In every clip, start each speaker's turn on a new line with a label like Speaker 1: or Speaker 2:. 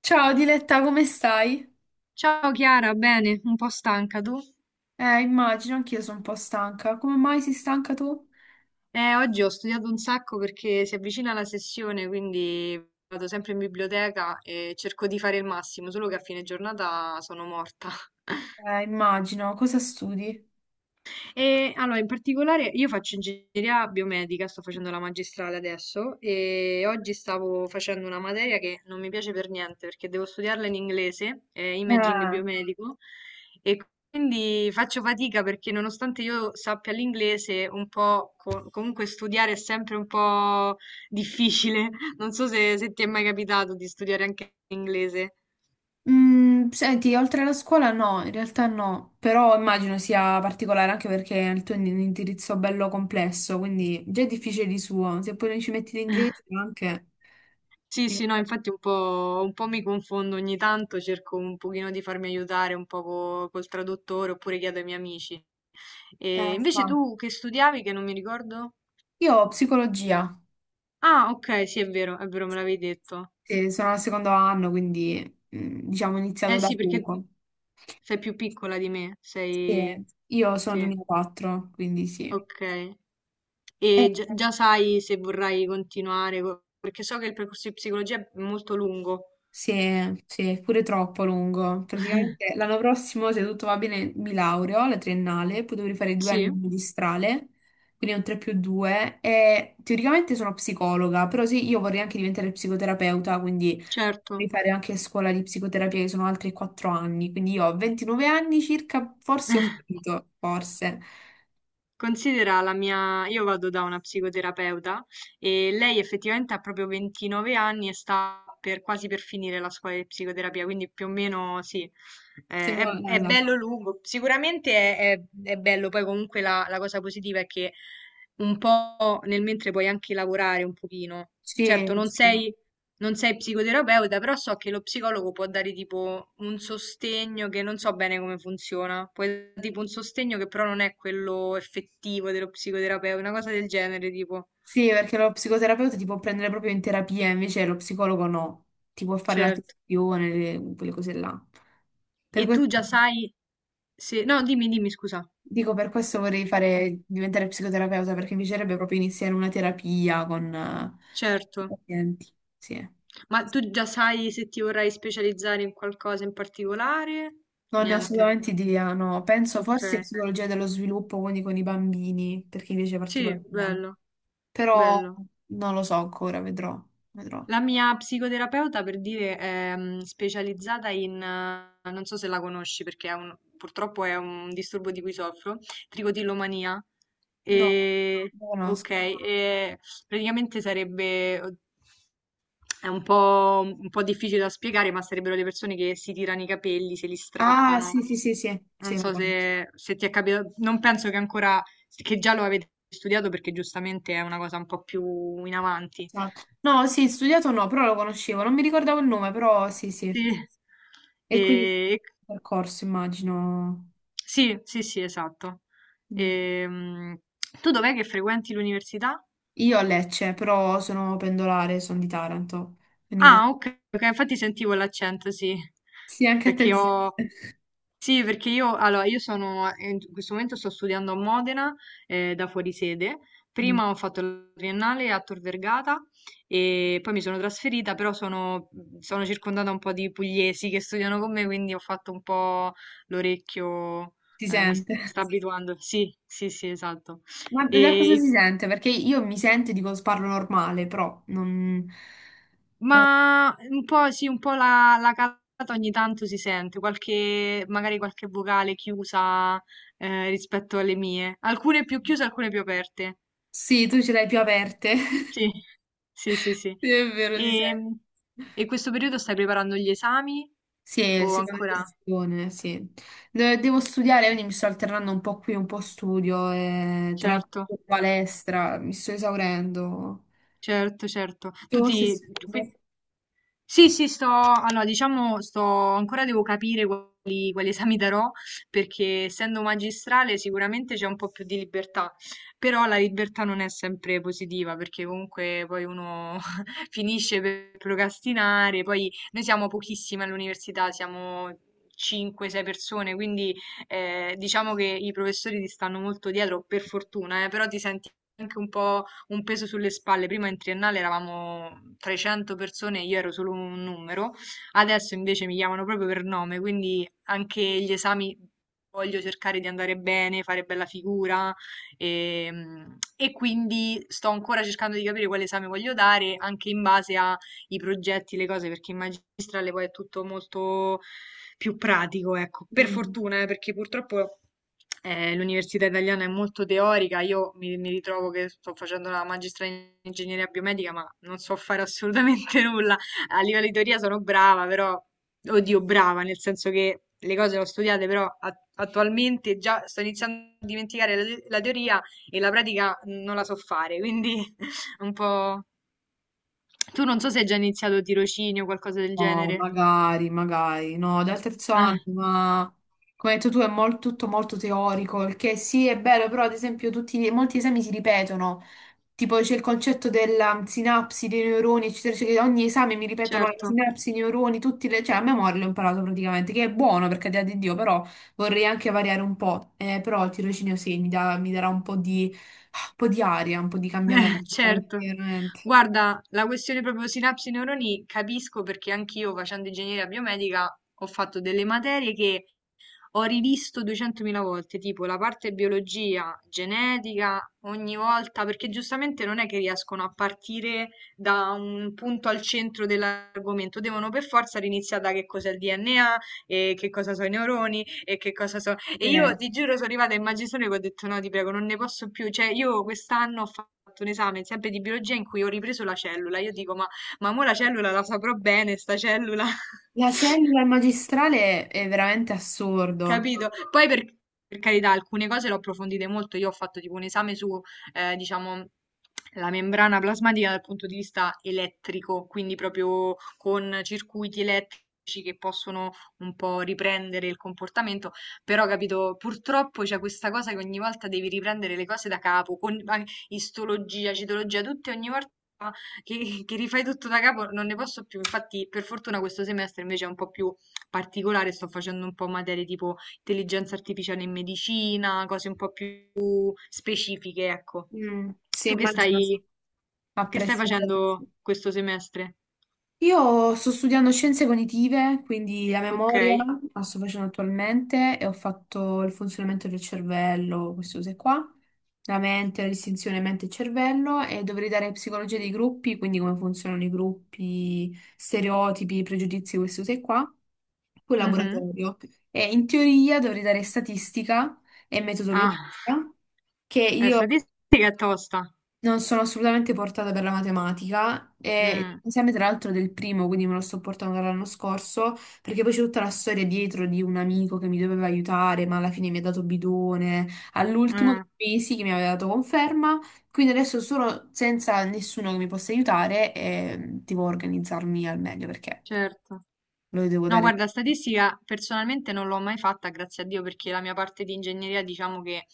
Speaker 1: Ciao Diletta, come stai?
Speaker 2: Ciao Chiara, bene, un po' stanca tu?
Speaker 1: Immagino, anch'io sono un po' stanca. Come mai sei stanca tu?
Speaker 2: Oggi ho studiato un sacco perché si avvicina la sessione, quindi vado sempre in biblioteca e cerco di fare il massimo, solo che a fine giornata sono morta.
Speaker 1: Immagino, cosa studi?
Speaker 2: E allora, in particolare, io faccio ingegneria biomedica, sto facendo la magistrale adesso e oggi stavo facendo una materia che non mi piace per niente perché devo studiarla in inglese, imaging
Speaker 1: Eh.
Speaker 2: biomedico, e quindi faccio fatica perché nonostante io sappia l'inglese, un po' comunque studiare è sempre un po' difficile. Non so se ti è mai capitato di studiare anche l'inglese.
Speaker 1: Senti, oltre alla scuola no, in realtà no, però immagino sia particolare anche perché il tuo è un indirizzo bello complesso, quindi già è difficile di suo, se poi non ci metti l'inglese anche.
Speaker 2: Sì,
Speaker 1: Eh,
Speaker 2: sì, no, infatti un po', mi confondo ogni tanto, cerco un pochino di farmi aiutare un po' col traduttore oppure chiedo ai miei amici. E invece
Speaker 1: fa.
Speaker 2: tu che studiavi, che non mi ricordo?
Speaker 1: Io ho psicologia.
Speaker 2: Ah, ok, sì, è vero, me l'avevi detto.
Speaker 1: Sì, sono al secondo anno, quindi diciamo ho iniziato
Speaker 2: Eh
Speaker 1: da
Speaker 2: sì, perché
Speaker 1: poco.
Speaker 2: sei più piccola di me,
Speaker 1: Sì,
Speaker 2: sei.
Speaker 1: io sono
Speaker 2: Sì,
Speaker 1: 2004, quindi sì.
Speaker 2: ok. E
Speaker 1: Eh,
Speaker 2: già sai se vorrai continuare, perché so che il percorso di psicologia è molto lungo.
Speaker 1: sì, sì, è pure troppo lungo. Praticamente l'anno prossimo, se tutto va bene, mi laureo alla triennale, poi dovrei fare 2 anni
Speaker 2: Sì,
Speaker 1: di magistrale, quindi è un 3 più 2. E teoricamente sono psicologa, però sì, io vorrei anche diventare psicoterapeuta, quindi devi
Speaker 2: certo.
Speaker 1: fare anche scuola di psicoterapia, che sono altri 4 anni. Quindi io ho 29 anni circa, forse ho finito, forse.
Speaker 2: Considera la mia, io vado da una psicoterapeuta e lei effettivamente ha proprio 29 anni e quasi per finire la scuola di psicoterapia, quindi più o meno sì,
Speaker 1: Siamo
Speaker 2: è,
Speaker 1: là,
Speaker 2: è
Speaker 1: là.
Speaker 2: bello lungo. Sicuramente è bello, poi comunque la cosa positiva è che un po' nel mentre puoi anche lavorare un pochino.
Speaker 1: Sì,
Speaker 2: Certo, non
Speaker 1: sì.
Speaker 2: sei non sei psicoterapeuta, però so che lo psicologo può dare tipo un sostegno che non so bene come funziona. Può dare tipo un sostegno che però non è quello effettivo dello psicoterapeuta, una cosa del genere, tipo.
Speaker 1: Sì, perché lo psicoterapeuta ti può prendere proprio in terapia, invece lo psicologo no, ti può fare la
Speaker 2: Certo.
Speaker 1: sessione, quelle cose là.
Speaker 2: E
Speaker 1: Per
Speaker 2: tu
Speaker 1: questo,
Speaker 2: già sai se... No, dimmi, dimmi, scusa.
Speaker 1: dico, per questo vorrei fare, diventare psicoterapeuta, perché mi piacerebbe proprio iniziare una terapia con
Speaker 2: Certo.
Speaker 1: i pazienti. Sì.
Speaker 2: Ma tu già sai se ti vorrai specializzare in qualcosa in particolare?
Speaker 1: Non ne ho
Speaker 2: Niente.
Speaker 1: assolutamente idea, no. Penso
Speaker 2: Ok.
Speaker 1: forse psicologia dello sviluppo, quindi con i bambini, perché mi piace
Speaker 2: Sì,
Speaker 1: particolarmente.
Speaker 2: bello,
Speaker 1: Però
Speaker 2: bello.
Speaker 1: non lo so ancora, vedrò, vedrò.
Speaker 2: La mia psicoterapeuta, per dire, è specializzata in, non so se la conosci perché è purtroppo è un disturbo di cui soffro, tricotillomania.
Speaker 1: No,
Speaker 2: E,
Speaker 1: non lo
Speaker 2: ok,
Speaker 1: conosco.
Speaker 2: e praticamente sarebbe, è un po', difficile da spiegare, ma sarebbero le persone che si tirano i capelli, se li
Speaker 1: Ah,
Speaker 2: strappano.
Speaker 1: sì, sì, sì, sì,
Speaker 2: Non
Speaker 1: sì, lo
Speaker 2: so
Speaker 1: conosco.
Speaker 2: se ti è capitato, non penso che ancora, che già lo avete studiato perché giustamente è una cosa un po' più in avanti.
Speaker 1: Esatto. No, sì, studiato no, però lo conoscevo, non mi ricordavo il nome, però sì, sì.
Speaker 2: Sì,
Speaker 1: E quindi sì,
Speaker 2: e
Speaker 1: percorso, immagino.
Speaker 2: sì, sì, sì, esatto.
Speaker 1: Mm.
Speaker 2: Ehm, tu dov'è che frequenti l'università?
Speaker 1: Io a Lecce, però sono pendolare, sono di Taranto. Quindi fa-
Speaker 2: Ah, ok, ok, infatti sentivo l'accento, sì,
Speaker 1: Sì, anche a te
Speaker 2: perché Sì.
Speaker 1: ti sente.
Speaker 2: ho, Sì, perché io, allora, io sono, in questo momento sto studiando a Modena, da fuorisede.
Speaker 1: Mm,
Speaker 2: Prima ho fatto la triennale a Tor Vergata e poi mi sono trasferita, però sono circondata un po' di pugliesi che studiano con me, quindi ho fatto un po' l'orecchio,
Speaker 1: Ti
Speaker 2: mi
Speaker 1: sente.
Speaker 2: sta abituando. Sì, sì, sì, esatto.
Speaker 1: Ma da cosa
Speaker 2: E
Speaker 1: si sente? Perché io mi sento e dico parlo normale, però non.
Speaker 2: Ma un po' sì, un po' la calata ogni tanto si sente, magari qualche vocale chiusa rispetto alle mie. Alcune più chiuse, alcune più aperte.
Speaker 1: Sì, tu ce l'hai più aperte.
Speaker 2: Sì, sì, sì, sì.
Speaker 1: Sì, è vero, si
Speaker 2: E,
Speaker 1: sente.
Speaker 2: e questo periodo stai preparando gli esami?
Speaker 1: Sì,
Speaker 2: O
Speaker 1: seconda
Speaker 2: ancora?
Speaker 1: sessione, sì. Devo studiare, quindi mi sto alternando un po' qui, un po' studio, e tra
Speaker 2: Certo,
Speaker 1: l'altro palestra, mi sto esaurendo.
Speaker 2: certo, certo.
Speaker 1: Tu sei studiando?
Speaker 2: Qui- Sì, sì, allora, diciamo, ancora devo capire quali esami darò, perché essendo magistrale sicuramente c'è un po' più di libertà, però la libertà non è sempre positiva, perché comunque poi uno finisce per procrastinare, poi noi siamo pochissime all'università, siamo 5-6 persone, quindi diciamo che i professori ti stanno molto dietro, per fortuna, però ti senti anche un po' un peso sulle spalle. Prima in triennale eravamo 300 persone, e io ero solo un numero, adesso invece mi chiamano proprio per nome, quindi anche gli esami voglio cercare di andare bene, fare bella figura e, e quindi sto ancora cercando di capire quale esame voglio dare anche in base a i progetti, le cose, perché in magistrale poi è tutto molto più pratico, ecco. Per fortuna, perché purtroppo l'università italiana è molto teorica, io mi ritrovo che sto facendo la magistrale in ingegneria biomedica, ma non so fare assolutamente nulla. A livello di teoria sono brava, però, oddio, brava, nel senso che le cose le ho studiate, però attualmente già sto iniziando a dimenticare la teoria e la pratica non la so fare, quindi un po', tu non so se hai già iniziato tirocinio o qualcosa del
Speaker 1: No,
Speaker 2: genere.
Speaker 1: magari, magari, no, dal terzo
Speaker 2: Eh,
Speaker 1: anno, ma come hai detto tu è tutto molto teorico, il che sì è bello, però ad esempio tutti, molti esami si ripetono, tipo c'è il concetto della sinapsi dei neuroni, eccetera, eccetera, ogni esame mi ripetono le
Speaker 2: certo.
Speaker 1: sinapsi, i neuroni, tutti cioè a memoria l'ho imparato praticamente, che è buono per carità di Dio, però vorrei anche variare un po', però il tirocinio sì, mi, mi darà un po' di aria, un po' di cambiamento,
Speaker 2: Certo.
Speaker 1: veramente.
Speaker 2: Guarda, la questione proprio sinapsi neuroni capisco perché anch'io facendo ingegneria biomedica ho fatto delle materie che ho rivisto 200.000 volte, tipo la parte biologia, genetica, ogni volta, perché giustamente non è che riescono a partire da un punto al centro dell'argomento, devono per forza riniziare da che cos'è il DNA e che cosa sono i neuroni e che cosa sono. E
Speaker 1: Sì.
Speaker 2: io ti giuro sono arrivata in magistrale che ho detto no, ti prego, non ne posso più, cioè io quest'anno ho fatto un esame sempre di biologia in cui ho ripreso la cellula, io dico ma mo la cellula la saprò bene, sta cellula.
Speaker 1: La cellula e magistrale è veramente assurdo.
Speaker 2: Capito? Poi per carità, alcune cose l'ho approfondite molto. Io ho fatto tipo un esame su, diciamo, la membrana plasmatica dal punto di vista elettrico, quindi proprio con circuiti elettrici che possono un po' riprendere il comportamento. Però, capito, purtroppo c'è questa cosa che ogni volta devi riprendere le cose da capo, con istologia, citologia, tutte ogni volta. Che rifai tutto da capo, non ne posso più. Infatti, per fortuna questo semestre invece è un po' più particolare, sto facendo un po' materie tipo Intelligenza artificiale in medicina, cose un po' più specifiche, ecco.
Speaker 1: Mm, sì,
Speaker 2: Tu che
Speaker 1: immagino che
Speaker 2: stai,
Speaker 1: ha
Speaker 2: che stai
Speaker 1: preso.
Speaker 2: facendo questo semestre?
Speaker 1: Io sto studiando scienze cognitive, quindi la
Speaker 2: Ok.
Speaker 1: memoria la sto facendo attualmente e ho fatto il funzionamento del cervello, queste cose qua, la mente, la distinzione mente-cervello e dovrei dare psicologia dei gruppi, quindi come funzionano i gruppi, stereotipi, pregiudizi, queste cose qua, poi
Speaker 2: Mhm.
Speaker 1: laboratorio. E in teoria dovrei dare statistica e metodologia,
Speaker 2: Ah,
Speaker 1: che io
Speaker 2: statistica è tosta.
Speaker 1: non sono assolutamente portata per la matematica e
Speaker 2: Mm,
Speaker 1: l'esame tra l'altro del primo, quindi me lo sto portando dall'anno scorso, perché poi c'è tutta la storia dietro di un amico che mi doveva aiutare, ma alla fine mi ha dato bidone, all'ultimo
Speaker 2: eh,
Speaker 1: dei mesi che mi aveva dato conferma, quindi adesso sono senza nessuno che mi possa aiutare e devo organizzarmi al meglio perché
Speaker 2: certo.
Speaker 1: lo devo
Speaker 2: No,
Speaker 1: dare.
Speaker 2: guarda, statistica personalmente non l'ho mai fatta, grazie a Dio, perché la mia parte di ingegneria diciamo che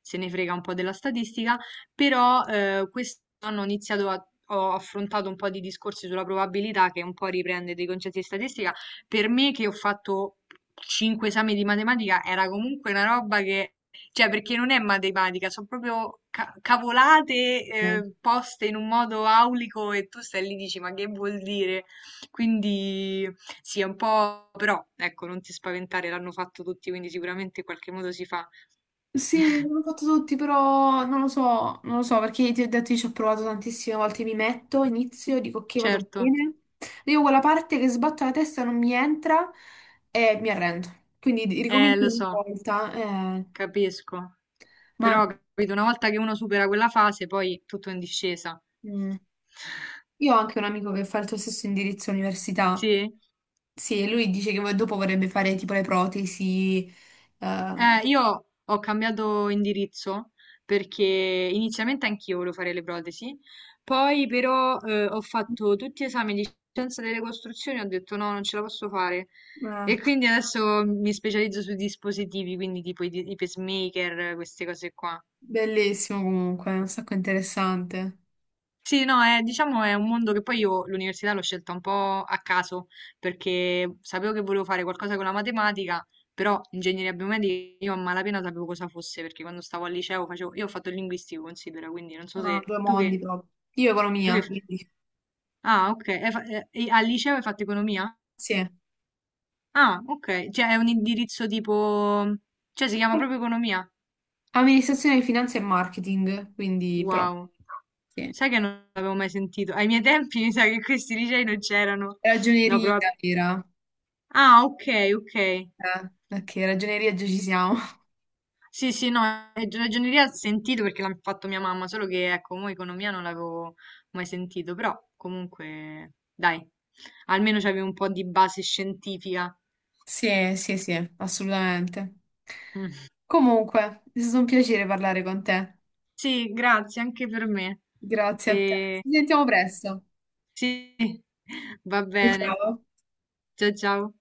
Speaker 2: se ne frega un po' della statistica, però quest'anno ho iniziato a. Ho affrontato un po' di discorsi sulla probabilità che un po' riprende dei concetti di statistica. Per me che ho fatto cinque esami di matematica era comunque una roba che, cioè perché non è matematica, sono proprio cavolate poste in un modo aulico e tu stai lì e dici ma che vuol dire? Quindi sì, è un po' però, ecco, non ti spaventare, l'hanno fatto tutti, quindi sicuramente in qualche modo si fa.
Speaker 1: Sì, l'ho fatto tutti, però non lo so, non lo so, perché ti ho detto, io ci ho provato tantissime volte, mi metto, inizio, dico ok, vado
Speaker 2: Certo,
Speaker 1: bene, arrivo a quella parte che sbatto la testa, non mi entra e mi arrendo. Quindi ricomincio
Speaker 2: lo
Speaker 1: ogni
Speaker 2: so,
Speaker 1: volta,
Speaker 2: capisco.
Speaker 1: ma
Speaker 2: Però, capito, una volta che uno supera quella fase, poi tutto è in discesa.
Speaker 1: mm, io ho anche un amico che fa il tuo stesso indirizzo all'università,
Speaker 2: Sì?
Speaker 1: sì, e lui dice che dopo vorrebbe fare tipo le protesi, eh,
Speaker 2: Io ho cambiato indirizzo perché inizialmente anch'io volevo fare le protesi, poi però ho fatto tutti gli esami di scienza delle costruzioni e ho detto no, non ce la posso fare.
Speaker 1: eh,
Speaker 2: E quindi adesso mi specializzo sui dispositivi, quindi tipo i pacemaker, queste cose qua.
Speaker 1: bellissimo comunque, un sacco interessante.
Speaker 2: Sì, no, diciamo è un mondo che poi io l'università l'ho scelta un po' a caso perché sapevo che volevo fare qualcosa con la matematica, però ingegneria biomedica io a malapena sapevo cosa fosse perché quando stavo al liceo io ho fatto il linguistico, considera, quindi non so
Speaker 1: Ah,
Speaker 2: se
Speaker 1: due
Speaker 2: tu
Speaker 1: mondi
Speaker 2: che,
Speaker 1: proprio. Io
Speaker 2: tu che,
Speaker 1: economia.
Speaker 2: ah, ok, e al liceo hai fatto economia?
Speaker 1: Sì.
Speaker 2: Ah, ok, cioè è un indirizzo tipo, cioè si chiama proprio economia?
Speaker 1: Amministrazione di finanza e marketing, quindi però,
Speaker 2: Wow,
Speaker 1: sì.
Speaker 2: sai che non l'avevo mai sentito, ai miei tempi mi sa che questi licei non c'erano, no,
Speaker 1: Ragioneria
Speaker 2: però.
Speaker 1: era.
Speaker 2: Ah, ok, ok.
Speaker 1: Eh, ok, ragioneria già ci siamo.
Speaker 2: Sì, sì, no, ragioneria ho sentito perché l'ha fatto mia mamma, solo che ecco, mo economia non l'avevo mai sentito, però comunque, dai, almeno c'avevi un po' di base scientifica.
Speaker 1: Sì, sì, sì, assolutamente.
Speaker 2: Mm.
Speaker 1: Comunque, è stato un piacere parlare con te.
Speaker 2: Sì, grazie anche per me.
Speaker 1: Grazie a te.
Speaker 2: E...
Speaker 1: Ci sentiamo presto.
Speaker 2: Sì, va bene.
Speaker 1: Ciao.
Speaker 2: Ciao ciao.